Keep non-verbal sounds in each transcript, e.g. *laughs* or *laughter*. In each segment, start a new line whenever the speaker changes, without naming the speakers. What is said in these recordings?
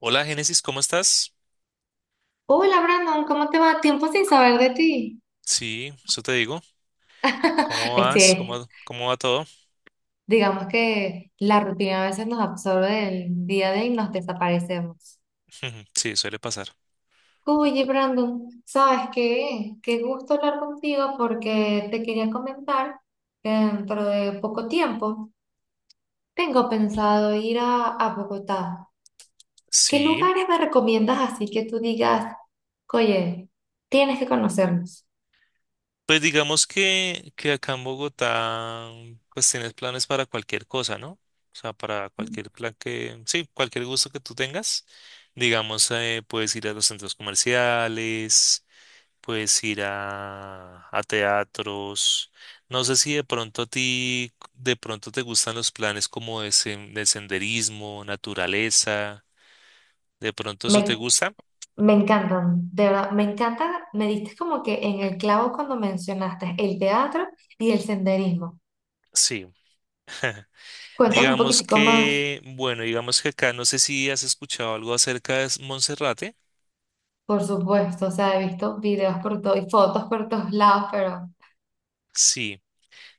Hola, Génesis, ¿cómo estás?
Hola Brandon, ¿cómo te va? Tiempo sin saber de ti.
Sí, eso te digo.
*laughs*
¿Cómo
Este,
vas? ¿Cómo va todo?
digamos que la rutina a veces nos absorbe del día a día y nos desaparecemos.
*laughs* Sí, suele pasar.
Oye Brandon, ¿sabes qué? Qué gusto hablar contigo porque te quería comentar que dentro de poco tiempo tengo pensado ir a Bogotá. ¿Qué
Sí,
lugares me recomiendas así que tú digas, oye, tienes que conocernos?
pues digamos que acá en Bogotá, pues tienes planes para cualquier cosa, ¿no? O sea, para cualquier plan que, sí, cualquier gusto que tú tengas. Digamos, puedes ir a los centros comerciales. Puedes ir a teatros. No sé si de pronto a ti, de pronto te gustan los planes como de, de senderismo, naturaleza. ¿De pronto eso te
Me
gusta?
Me encantan, de verdad, me encanta, me diste como que en el clavo cuando mencionaste el teatro y el senderismo.
Sí.
Cuéntame un
Digamos
poquitico más,
que, bueno, digamos que acá no sé si has escuchado algo acerca de Monserrate.
por supuesto, o sea, he visto videos por todo y fotos por todos lados, pero...
Sí.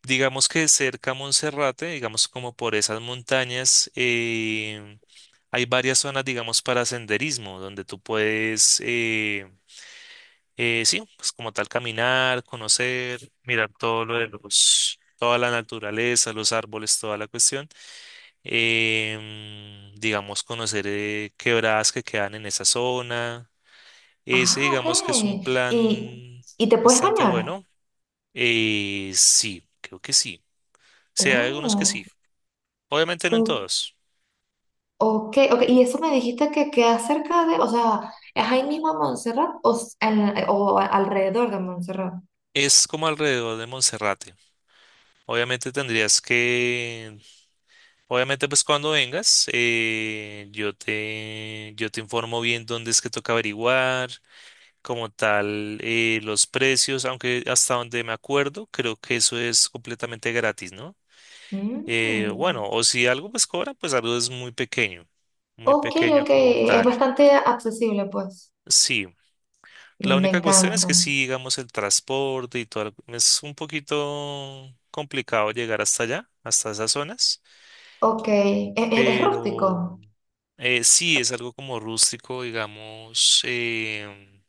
Digamos que cerca a Monserrate, digamos como por esas montañas, hay varias zonas, digamos, para senderismo, donde tú puedes... sí, pues como tal caminar, conocer, mirar todo lo de los, toda la naturaleza, los árboles, toda la cuestión. Digamos, conocer quebradas que quedan en esa zona. Ese,
Ah, ok.
digamos que es un
¿Y,
plan
y te puedes
bastante
bañar?
bueno. Sí, creo que sí. Sí, hay algunos que
Oh,
sí. Obviamente no en
o-
todos.
ok, ok. Y eso me dijiste que queda cerca de, o sea, ¿es ahí mismo en Montserrat o, alrededor de Montserrat?
Es como alrededor de Monserrate. Obviamente tendrías que Obviamente, pues cuando vengas, yo te informo bien dónde es que toca averiguar, como tal, los precios, aunque hasta donde me acuerdo, creo que eso es completamente gratis, ¿no?
Mm.
Bueno, o si algo pues cobra, pues algo es muy
Ok,
pequeño
ok,
como
es
tal.
bastante accesible, pues.
Sí, la
Me
única cuestión es
encanta.
que si, digamos, el transporte y todo, es un poquito complicado llegar hasta allá, hasta esas zonas.
Ok, es,
Pero
rústico.
sí, es algo como rústico, digamos,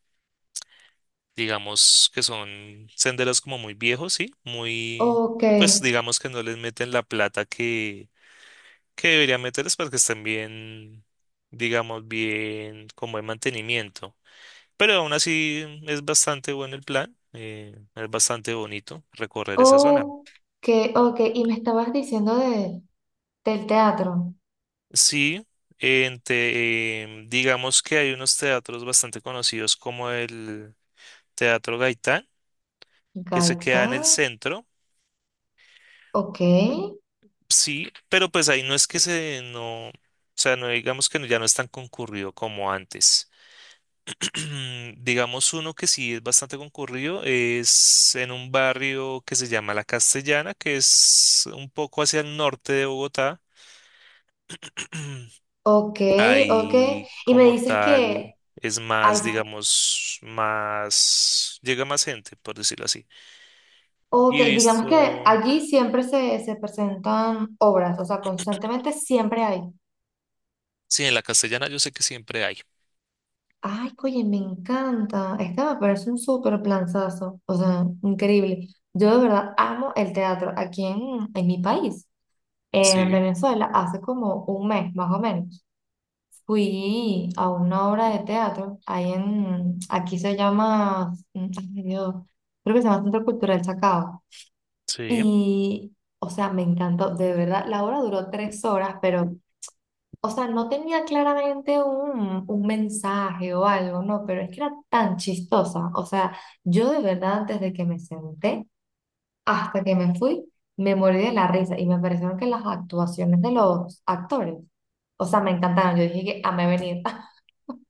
digamos que son senderos como muy viejos, sí, muy,
Ok,
y pues digamos que no les meten la plata que deberían meterles para que estén bien, digamos, bien, con buen mantenimiento. Pero aún así es bastante bueno el plan, es bastante bonito recorrer esa zona.
ok, ok. Y me estabas diciendo del teatro.
Sí, digamos que hay unos teatros bastante conocidos como el... Teatro Gaitán, que se queda
Gaita,
en el centro,
ok,
sí, pero pues ahí no es que se, no, o sea, no digamos que no- ya no es tan concurrido como antes. *clears throat* Digamos uno que sí es bastante concurrido, es en un barrio que se llama La Castellana, que es un poco hacia el norte de Bogotá. *clears throat*
ok, ok.
Ahí
Y me
como
dices que
tal es
hay,
más, digamos, más, llega más gente, por decirlo así.
ok,
Y
digamos que
visto,
allí siempre se presentan obras, o sea, constantemente siempre hay.
sí, en La Castellana yo sé que siempre hay.
Ay, oye, me encanta. Este me parece un súper planazo, o sea, increíble. Yo de verdad amo el teatro aquí en mi país. En
Sí.
Venezuela, hace como un mes más o menos, fui a una obra de teatro, ahí en, aquí se llama, mm, ay Dios, creo que se llama Centro Cultural Chacao.
Sí,
Y, o sea, me encantó, de verdad, la obra duró tres horas, pero, o sea, no tenía claramente un mensaje o algo, no, pero es que era tan chistosa, o sea, yo de verdad antes de que me senté, hasta que me fui, me morí de la risa y me parecieron que las actuaciones de los actores, o sea, me encantaron. Yo dije que amé venir. *laughs*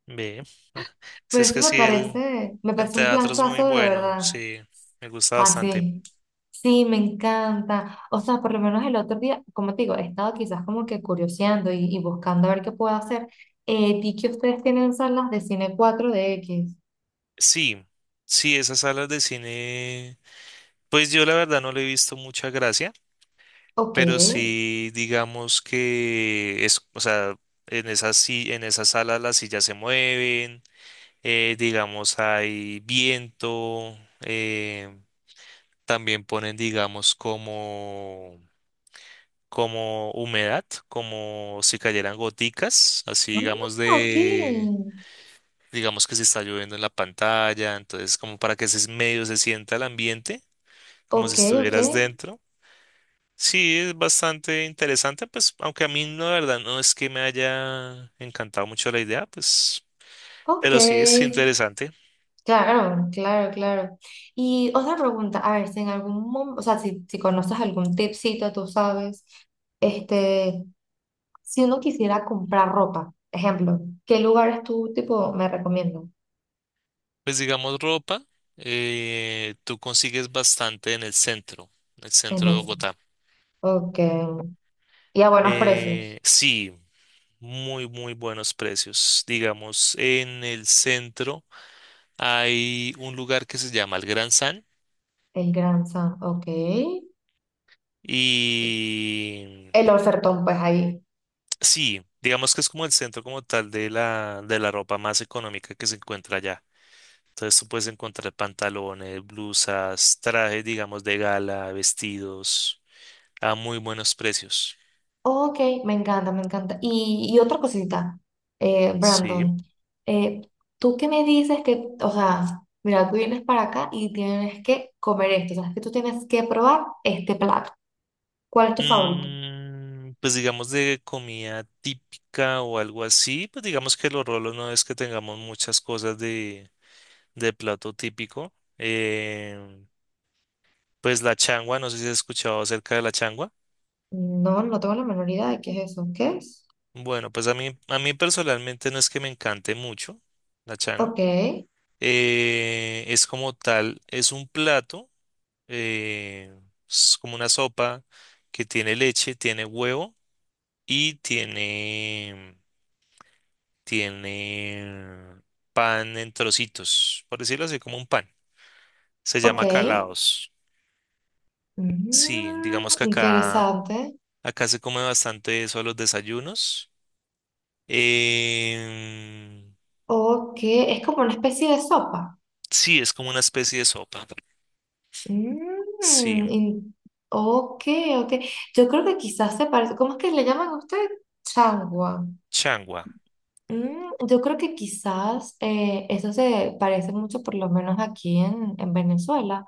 bien. *laughs* Si
Pero
es
eso
que sí,
me
el
parece un
teatro es muy
planzazo de
bueno,
verdad.
sí, me gusta
Ay,
bastante.
sí. Sí, me encanta. O sea, por lo menos el otro día, como te digo, he estado quizás como que curioseando y buscando a ver qué puedo hacer. Vi que ustedes tienen salas de cine 4DX.
Sí, sí, esas salas de cine, pues yo la verdad no le he visto mucha gracia,
Ok.
pero sí, digamos que es, o sea, en esas, en esas salas las sillas se mueven, digamos hay viento, también ponen, digamos, como... como humedad, como si cayeran goticas, así
Ah,
digamos
ok.
de, digamos que se está lloviendo en la pantalla, entonces como para que ese medio se sienta el ambiente, como si
Ok, ok.
estuvieras dentro. Sí, es bastante interesante, pues, aunque a mí no, la verdad, no es que me haya encantado mucho la idea, pues,
Ok.
pero sí es interesante.
Claro, claro, claro. Y otra pregunta, a ver, si en algún momento, o sea, si conoces algún tipcito, tú sabes, este, si uno quisiera comprar ropa, ejemplo, ¿qué lugares tú, tipo, me recomiendas?
Pues digamos ropa, tú consigues bastante en el
En
centro de
el,
Bogotá.
ok, y a buenos precios,
Sí. Muy, muy buenos precios. Digamos, en el centro hay un lugar que se llama el Gran San
el Gran San, ok, y
y
el ofertón, pues ahí.
sí, digamos que es como el centro como tal de de la ropa más económica que se encuentra allá. Entonces tú puedes encontrar pantalones, blusas, trajes, digamos, de gala, vestidos a muy buenos precios.
Ok, me encanta, me encanta. Y otra cosita,
Sí.
Brandon, eh, tú que me dices que, o sea, mira, tú vienes para acá y tienes que comer esto, o sea, que tú tienes que probar este plato. ¿Cuál es tu favorito?
Mm, pues digamos de comida típica o algo así, pues digamos que los rolos no es que tengamos muchas cosas de plato típico. Pues la changua, no sé si has escuchado acerca de la changua.
No, no tengo la menor idea de qué es eso. ¿Qué es?
Bueno, pues a mí personalmente no es que me encante mucho la changua.
Ok,
Es como tal, es un plato, eh, es como una sopa que tiene leche, tiene huevo y tiene pan en trocitos, por decirlo así, como un pan. Se
ok.
llama calados. Sí,
Mm,
digamos que
interesante.
acá se come bastante eso a los desayunos. Em,
Ok, es como una especie de sopa.
sí, es como una especie de sopa. Sí,
Mm, in- ok, ok. Yo creo que quizás se parece. ¿Cómo es que le llaman a usted? Chagua.
changua.
Mm, yo creo que quizás eso se parece mucho, por lo menos aquí en Venezuela,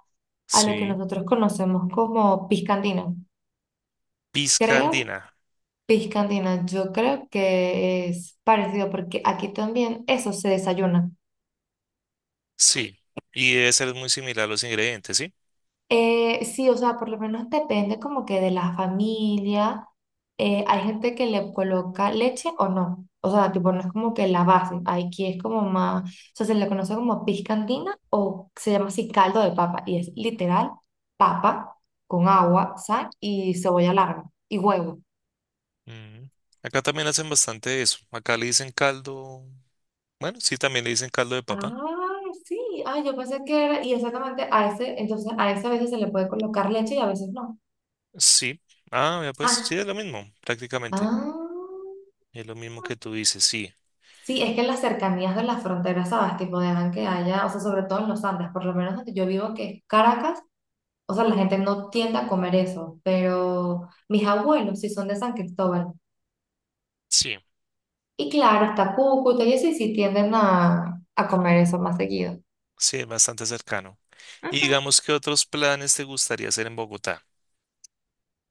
a lo que
Sí,
nosotros conocemos como piscandina.
pizca
Creo,
andina.
piscandina, yo creo que es parecido porque aquí también eso se desayuna.
Sí, y debe ser muy similar a los ingredientes, ¿sí?
Sí, o sea, por lo menos depende como que de la familia. Hay gente que le coloca leche o no. O sea, tipo, no es como que la base. Aquí es como más, o sea, se le conoce como piscandina o se llama así caldo de papa. Y es literal papa con agua, sal y cebolla larga y huevo.
Mm. Acá también hacen bastante eso. Acá le dicen caldo. Bueno, sí, también le dicen caldo de papa.
Ah, sí. Ah, yo pensé que era, y exactamente a ese, entonces a ese a veces se le puede colocar leche y a veces no.
Sí. Ah, ya pues
Ah,
sí, es lo mismo, prácticamente.
ah.
Es lo mismo que tú dices, sí.
Sí, es que las cercanías de las fronteras, ¿sabes? Tipo, dejan que haya, o sea, sobre todo en los Andes, por lo menos donde yo vivo, que es Caracas, o sea, la gente no tiende a comer eso, pero mis abuelos sí son de San Cristóbal.
Sí,
Y claro, está Cúcuta y eso, y sí tienden a comer eso más seguido.
sí, es bastante cercano. Y
Ujú.
digamos, ¿qué otros planes te gustaría hacer en Bogotá?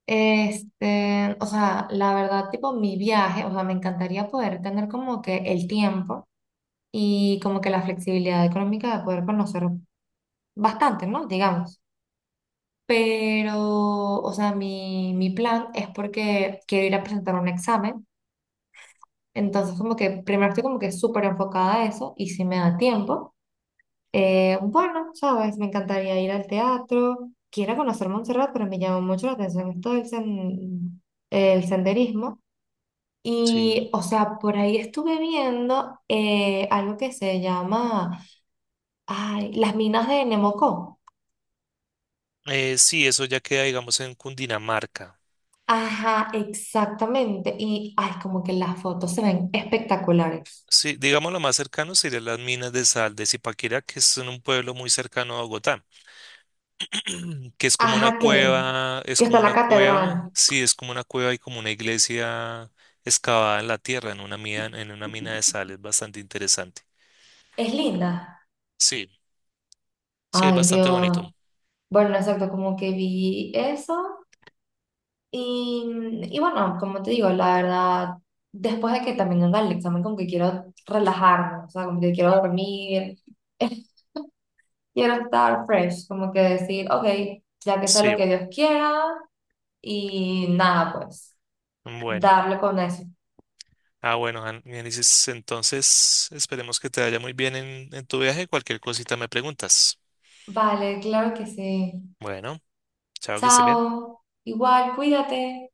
Este, o sea, la verdad, tipo, mi viaje, o sea, me encantaría poder tener como que el tiempo y como que la flexibilidad económica de poder conocer bastante, ¿no? Digamos. Pero, o sea, mi plan es porque quiero ir a presentar un examen. Entonces, como que primero estoy como que súper enfocada a eso y si me da tiempo, bueno, sabes, me encantaría ir al teatro. Quiero conocer Montserrat, pero me llama mucho la atención esto el senderismo.
Sí.
Y, o sea, por ahí estuve viendo algo que se llama, ay, las minas de Nemocó.
Sí, eso ya queda, digamos, en Cundinamarca.
Ajá, exactamente. Y ay, como que las fotos se ven espectaculares.
Sí, digamos, lo más cercano serían las minas de sal de Zipaquirá, que es en un pueblo muy cercano a Bogotá, *clears throat* que es como una
Ajá,
cueva, es
que está
como
la
una cueva,
catedral.
sí, es como una cueva y como una iglesia excavada en la tierra, en una mina de sal, es bastante interesante.
Es linda.
Sí, sí, es
Ay,
bastante
Dios.
bonito.
Bueno, exacto, como que vi eso. Y bueno, como te digo, la verdad, después de que también anda el examen, como que quiero relajarme, o sea, como que quiero dormir, *laughs* quiero estar fresh, como que decir, ok, ya que sea
Sí,
lo que Dios quiera, y nada, pues,
bueno.
darle con eso.
Ah, bueno, Génesis, entonces esperemos que te vaya muy bien en tu viaje. Cualquier cosita me preguntas.
Vale, claro que sí.
Bueno, chao, que estés bien.
Chao. Igual, cuídate.